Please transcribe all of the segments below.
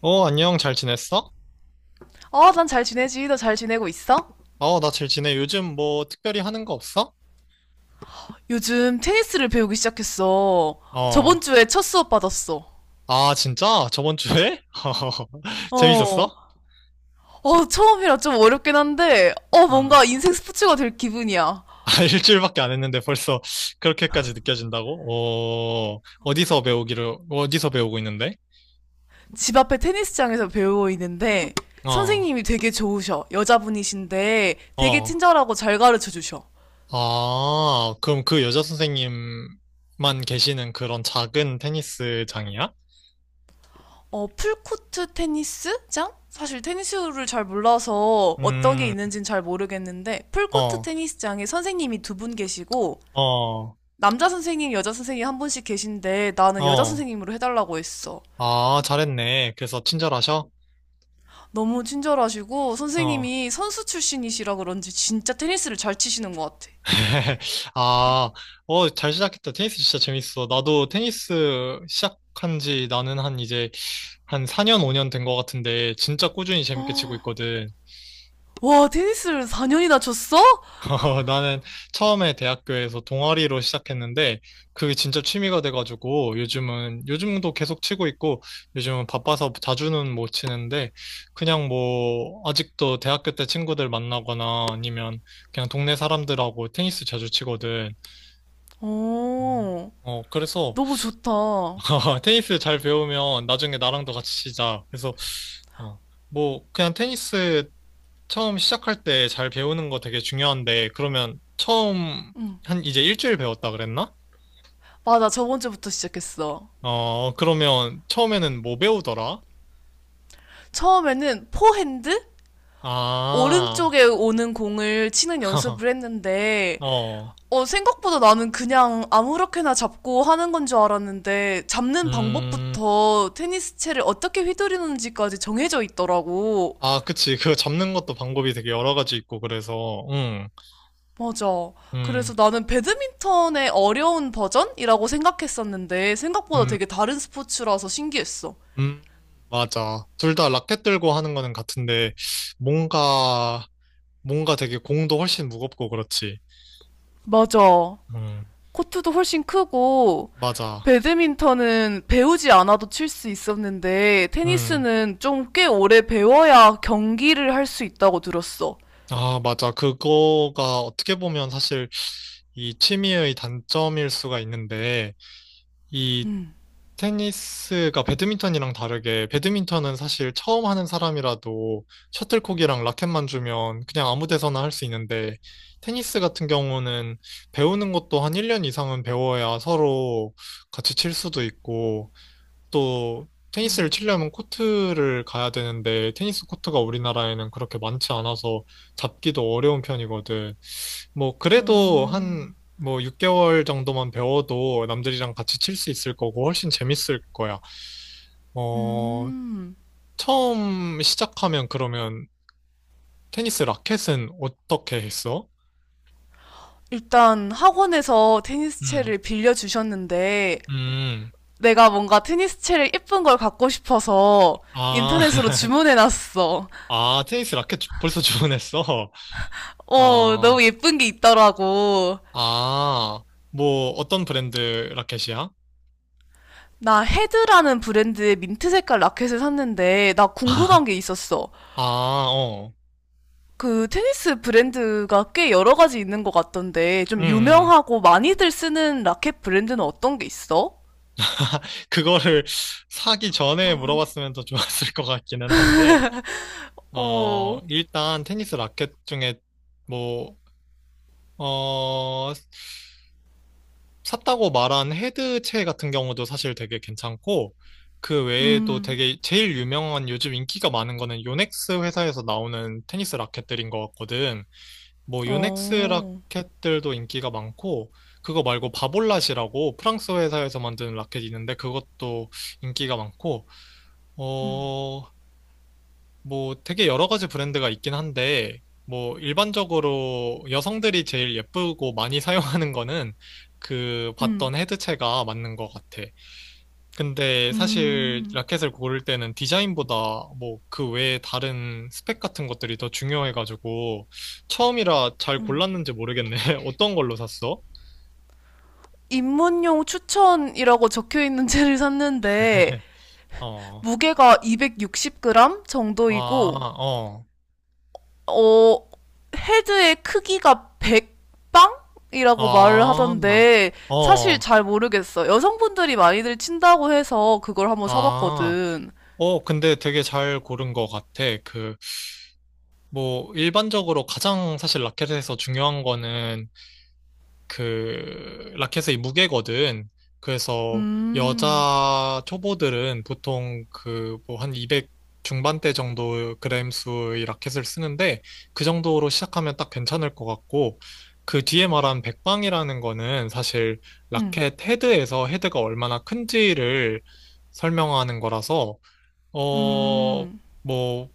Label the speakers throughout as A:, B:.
A: 어, 안녕, 잘 지냈어?
B: 어, 난 잘 지내지. 너 잘 지내고 있어?
A: 어, 나 잘 지내. 요즘 뭐 특별히 하는 거 없어?
B: 요즘 테니스를 배우기 시작했어.
A: 어,
B: 저번 주에 첫 수업 받았어.
A: 아, 진짜? 저번 주에?
B: 어.
A: 재밌었어?
B: 어, 처음이라 좀 어렵긴 한데,
A: 아,
B: 뭔가 인생 스포츠가 될 기분이야.
A: 일주일밖에 안 했는데 벌써 그렇게까지 느껴진다고? 어, 어디서 배우고 있는데?
B: 집 앞에 테니스장에서 배우고 있는데,
A: 어,
B: 선생님이 되게 좋으셔. 여자분이신데, 되게
A: 어,
B: 친절하고 잘 가르쳐 주셔.
A: 아, 그럼 그 여자 선생님만 계시는 그런 작은 테니스장이야?
B: 어, 풀코트 테니스장? 사실 테니스를 잘 몰라서 어떤 게
A: 음,
B: 있는지는 잘 모르겠는데, 풀코트
A: 어,
B: 테니스장에 선생님이 두 분 계시고,
A: 어,
B: 남자 선생님, 여자 선생님 한 분씩 계신데 나는 여자
A: 어,
B: 선생님으로 해달라고 했어.
A: 아, 잘했네. 그래서 친절하셔?
B: 너무 친절하시고
A: 어.
B: 선생님이 선수 출신이시라 그런지 진짜 테니스를 잘 치시는 것 같아.
A: 아, 어, 잘 시작했다. 테니스 진짜 재밌어. 나도 테니스 시작한 지 나는 한 이제 한 4년, 5년 된 것 같은데 진짜 꾸준히 재밌게 치고 있거든.
B: 와, 테니스를 4년이나 쳤어?
A: 어, 나는 처음에 대학교에서 동아리로 시작했는데 그게 진짜 취미가 돼가지고 요즘도 계속 치고 있고 요즘은 바빠서 자주는 못 치는데 그냥 뭐 아직도 대학교 때 친구들 만나거나 아니면 그냥 동네 사람들하고 테니스 자주 치거든.
B: 오,
A: 어, 그래서
B: 너무 좋다.
A: 테니스 잘 배우면 나중에 나랑도 같이 치자. 그래서 어, 뭐 그냥 테니스 처음 시작할 때 잘 배우는 거 되게 중요한데 그러면 처음 한 이제 일주일 배웠다 그랬나?
B: 맞아, 저번 주부터 시작했어.
A: 어, 그러면 처음에는 뭐 배우더라?
B: 처음에는 포핸드?
A: 아,
B: 오른쪽에 오는 공을 치는 연습을 했는데
A: 어,
B: 생각보다 나는 그냥 아무렇게나 잡고 하는 건 줄 알았는데, 잡는
A: 음,
B: 방법부터 테니스 채를 어떻게 휘두르는지까지 정해져 있더라고.
A: 아, 그치. 그 잡는 것도 방법이 되게 여러 가지 있고 그래서 응,
B: 맞아.
A: 음,
B: 그래서 나는 배드민턴의 어려운 버전이라고 생각했었는데, 생각보다
A: 음,
B: 되게 다른 스포츠라서 신기했어.
A: 음, 맞아. 둘 다 라켓 들고 하는 거는 같은데 뭔가 뭔가 되게 공도 훨씬 무겁고 그렇지.
B: 맞아.
A: 음,
B: 코트도 훨씬 크고,
A: 맞아.
B: 배드민턴은 배우지 않아도 칠 수 있었는데,
A: 음,
B: 테니스는 좀 꽤 오래 배워야 경기를 할 수 있다고 들었어.
A: 아, 맞아. 그거가 어떻게 보면 사실 이 취미의 단점일 수가 있는데, 이 테니스가 배드민턴이랑 다르게, 배드민턴은 사실 처음 하는 사람이라도 셔틀콕이랑 라켓만 주면 그냥 아무 데서나 할 수 있는데, 테니스 같은 경우는 배우는 것도 한 1년 이상은 배워야 서로 같이 칠 수도 있고, 또 테니스를 치려면 코트를 가야 되는데 테니스 코트가 우리나라에는 그렇게 많지 않아서 잡기도 어려운 편이거든. 뭐 그래도 한
B: 음.
A: 뭐 6개월 정도만 배워도 남들이랑 같이 칠 수 있을 거고 훨씬 재밌을 거야. 어,
B: 음,
A: 처음 시작하면 그러면 테니스 라켓은 어떻게 했어?
B: 일단 학원에서
A: 음.
B: 테니스채를 빌려주셨는데,
A: 음.
B: 내가 뭔가 테니스채를 예쁜 걸 갖고 싶어서
A: 아.
B: 인터넷으로 주문해놨어.
A: 아, 테니스 라켓 벌써 주문했어.
B: 어, 너무
A: 아.
B: 예쁜 게 있더라고.
A: 아, 뭐, 어떤 브랜드 라켓이야?
B: 나 헤드라는 브랜드의 민트 색깔 라켓을 샀는데, 나 궁금한 게 있었어.
A: 아, 어.
B: 그 테니스 브랜드가 꽤 여러 가지 있는 것 같던데,
A: 음,
B: 좀
A: 음.
B: 유명하고 많이들 쓰는 라켓 브랜드는 어떤 게 있어?
A: 그거를 사기 전에 물어봤으면 더 좋았을 것 같기는 한데, 어,
B: 어,
A: 일단 테니스 라켓 중에 뭐, 어, 샀다고 말한 헤드체 같은 경우도 사실 되게 괜찮고, 그 외에도
B: 음,
A: 되게 제일 유명한 요즘 인기가 많은 거는 요넥스 회사에서 나오는 테니스 라켓들인 것 같거든. 뭐 요넥스
B: 어,
A: 라켓들도 인기가 많고 그거 말고 바볼랏이라고 프랑스 회사에서 만드는 라켓이 있는데 그것도 인기가 많고 어 뭐 되게 여러 가지 브랜드가 있긴 한데 뭐 일반적으로 여성들이 제일 예쁘고 많이 사용하는 거는 그
B: 음.
A: 봤던 헤드체가 맞는 것 같아. 근데 사실
B: 음.
A: 라켓을 고를 때는 디자인보다 뭐 그 외에 다른 스펙 같은 것들이 더 중요해가지고 처음이라 잘 골랐는지 모르겠네. 어떤 걸로 샀어?
B: 입문용 추천이라고 적혀 있는 채를 샀는데
A: 어,
B: 무게가 260g
A: 아,
B: 정도이고
A: 어,
B: 어 헤드의 크기가 100방이라고 말을
A: 아,
B: 하던데 사실
A: 어,
B: 잘 모르겠어. 여성분들이 많이들 친다고 해서 그걸 한번
A: 아,
B: 사봤거든.
A: 어, 근데 되게 잘 고른 것 같아. 그, 뭐, 일반적으로 가장 사실 라켓에서 중요한 거는 그 라켓의 무게거든. 그래서
B: 음.
A: 여자 초보들은 보통 그 뭐 한 200 중반대 정도 그램 수의 라켓을 쓰는데 그 정도로 시작하면 딱 괜찮을 것 같고 그 뒤에 말한 백방이라는 거는 사실
B: 음,
A: 라켓 헤드에서 헤드가 얼마나 큰지를 설명하는 거라서 어
B: 음,
A: 뭐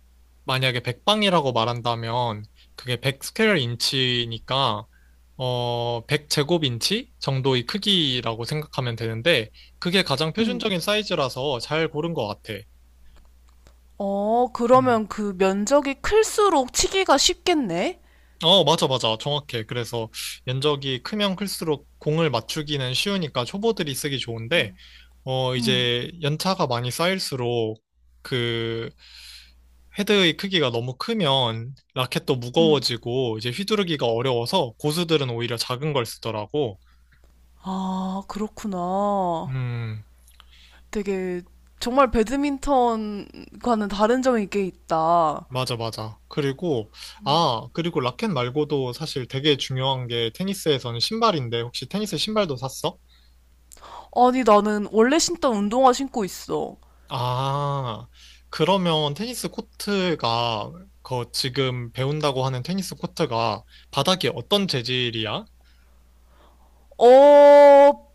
A: 만약에 백방이라고 말한다면 그게 100 스퀘어 인치니까 어, 100제곱인치 정도의 크기라고 생각하면 되는데, 그게 가장
B: 음,
A: 표준적인 사이즈라서 잘 고른 것 같아.
B: 어,
A: 음.
B: 그러면 그 면적이 클수록 치기가 쉽겠네?
A: 어, 맞아, 맞아. 정확해. 그래서 면적이 크면 클수록 공을 맞추기는 쉬우니까 초보들이 쓰기 좋은데, 어,
B: 음,
A: 이제 연차가 많이 쌓일수록 그 헤드의 크기가 너무 크면 라켓도
B: 음.
A: 무거워지고 이제 휘두르기가 어려워서 고수들은 오히려 작은 걸 쓰더라고.
B: 아, 그렇구나.
A: 음,
B: 되게 정말 배드민턴과는 다른 점이 꽤 있다.
A: 맞아, 맞아. 그리고, 아, 그리고 라켓 말고도 사실 되게 중요한 게 테니스에서는 신발인데, 혹시 테니스 신발도 샀어?
B: 아니, 나는 원래 신던 운동화 신고 있어.
A: 아, 그러면 테니스 코트가, 그 지금 배운다고 하는 테니스 코트가 바닥이 어떤 재질이야?
B: 어,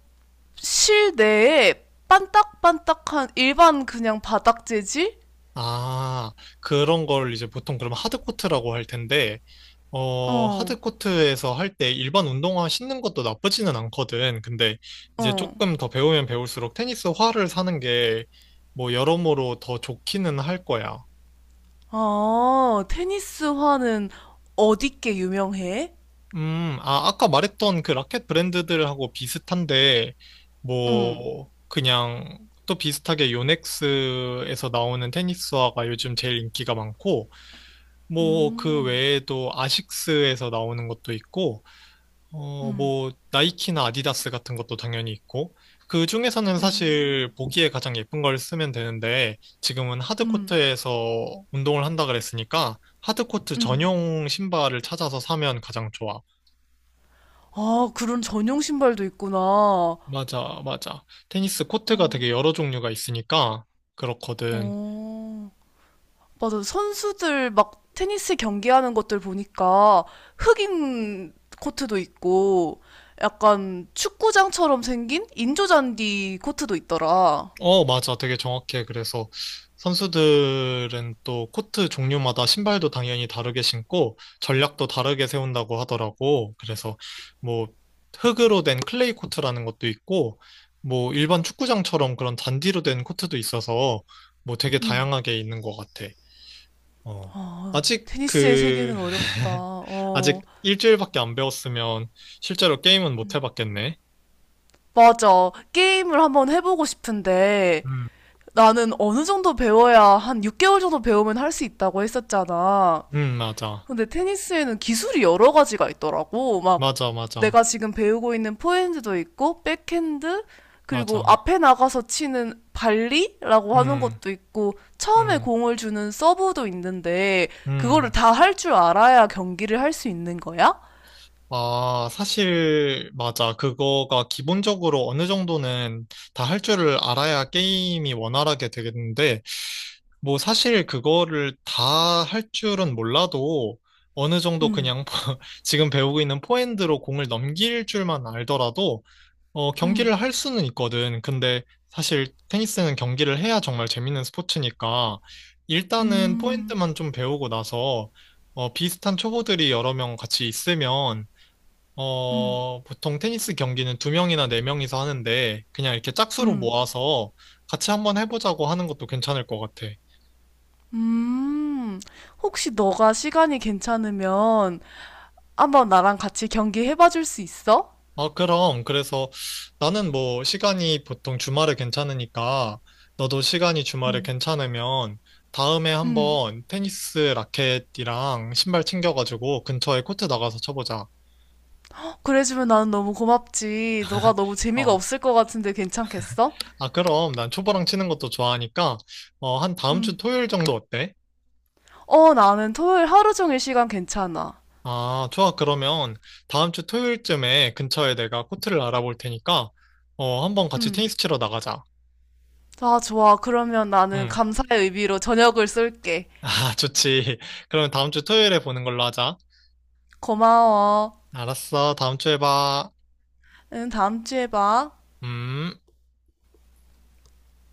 B: 실내에 반딱반딱한 일반 그냥 바닥 재질?
A: 아, 그런 걸 이제 보통 그럼 하드 코트라고 할 텐데, 어,
B: 어,
A: 하드코트에서 할 때 일반 운동화 신는 것도 나쁘지는 않거든. 근데 이제
B: 어.
A: 조금 더 배우면 배울수록 테니스화를 사는 게 뭐 여러모로 더 좋기는 할 거야.
B: 아, 테니스화는 어디께 유명해?
A: 아, 아까 말했던 그 라켓 브랜드들하고 비슷한데,
B: 응,
A: 뭐, 그냥 또 비슷하게 요넥스에서 나오는 테니스화가 요즘 제일 인기가 많고, 뭐, 그
B: 음,
A: 외에도 아식스에서 나오는 것도 있고, 어,
B: 음,
A: 뭐, 나이키나 아디다스 같은 것도 당연히 있고, 그 중에서는
B: 음,
A: 사실 보기에 가장 예쁜 걸 쓰면 되는데, 지금은
B: 음,
A: 하드코트에서 운동을 한다 그랬으니까, 하드코트
B: 음.
A: 전용 신발을 찾아서 사면 가장 좋아.
B: 아, 그런 전용 신발도 있구나.
A: 맞아, 맞아. 테니스
B: 어,
A: 코트가 되게 여러 종류가 있으니까, 그렇거든.
B: 어. 맞아. 선수들 막 테니스 경기하는 것들 보니까 흑인 코트도 있고 약간 축구장처럼 생긴 인조잔디 코트도 있더라.
A: 어, 맞아. 되게 정확해. 그래서 선수들은 또 코트 종류마다 신발도 당연히 다르게 신고 전략도 다르게 세운다고 하더라고. 그래서 뭐 흙으로 된 클레이 코트라는 것도 있고 뭐 일반 축구장처럼 그런 잔디로 된 코트도 있어서 뭐 되게 다양하게 있는 것 같아. 어. 아직
B: 테니스의
A: 그,
B: 세계는 어렵다.
A: 아직
B: 어,
A: 일주일밖에 안 배웠으면 실제로 게임은 못 해봤겠네.
B: 맞아. 게임을 한번 해보고 싶은데
A: 음,
B: 나는 어느 정도 배워야 한 6개월 정도 배우면 할 수 있다고 했었잖아.
A: 맞아.
B: 근데 테니스에는 기술이 여러 가지가 있더라고. 막
A: 맞아, 맞아.
B: 내가 지금 배우고 있는 포핸드도 있고, 백핸드, 그리고
A: 맞아.
B: 앞에 나가서 치는 발리라고 하는
A: 음.
B: 것도 있고, 처음에
A: 음,
B: 공을 주는 서브도 있는데, 그거를
A: 음.
B: 다 할 줄 알아야 경기를 할 수 있는 거야?
A: 아, 사실, 맞아. 그거가 기본적으로 어느 정도는 다 할 줄을 알아야 게임이 원활하게 되겠는데, 뭐 사실 그거를 다 할 줄은 몰라도 어느 정도
B: 음,
A: 그냥 지금 배우고 있는 포핸드로 공을 넘길 줄만 알더라도 어, 경기를
B: 음,
A: 할 수는 있거든. 근데 사실 테니스는 경기를 해야 정말 재밌는 스포츠니까 일단은
B: 음,
A: 포핸드만 좀 배우고 나서 어, 비슷한 초보들이 여러 명 같이 있으면 어, 보통 테니스 경기는 두 명이나 네 명이서 하는데 그냥 이렇게 짝수로 모아서 같이 한번 해보자고 하는 것도 괜찮을 것 같아.
B: 음. 혹시 너가 시간이 괜찮으면 한번 나랑 같이 경기 해봐 줄 수 있어?
A: 아, 그럼. 그래서 나는 뭐 시간이 보통 주말에 괜찮으니까 너도 시간이 주말에 괜찮으면 다음에
B: 음.
A: 한번 테니스 라켓이랑 신발 챙겨가지고 근처에 코트 나가서 쳐보자.
B: 그래주면 나는 너무 고맙지. 너가 너무 재미가
A: 어.
B: 없을 것 같은데 괜찮겠어?
A: 아, 그럼 난 초보랑 치는 것도 좋아하니까 어, 한 다음 주
B: 음.
A: 토요일 정도 어때?
B: 어, 나는 토요일 하루 종일 시간 괜찮아.
A: 아, 좋아. 그러면 다음 주 토요일쯤에 근처에 내가 코트를 알아볼 테니까 어, 한번 같이
B: 음.
A: 테니스 치러 나가자.
B: 아, 좋아. 그러면 나는
A: 응.
B: 감사의 의미로 저녁을 쏠게.
A: 아, 좋지. 그러면 다음 주 토요일에 보는 걸로 하자.
B: 고마워.
A: 알았어. 다음 주에 봐.
B: 응, 다음 주에 봐.
A: 음.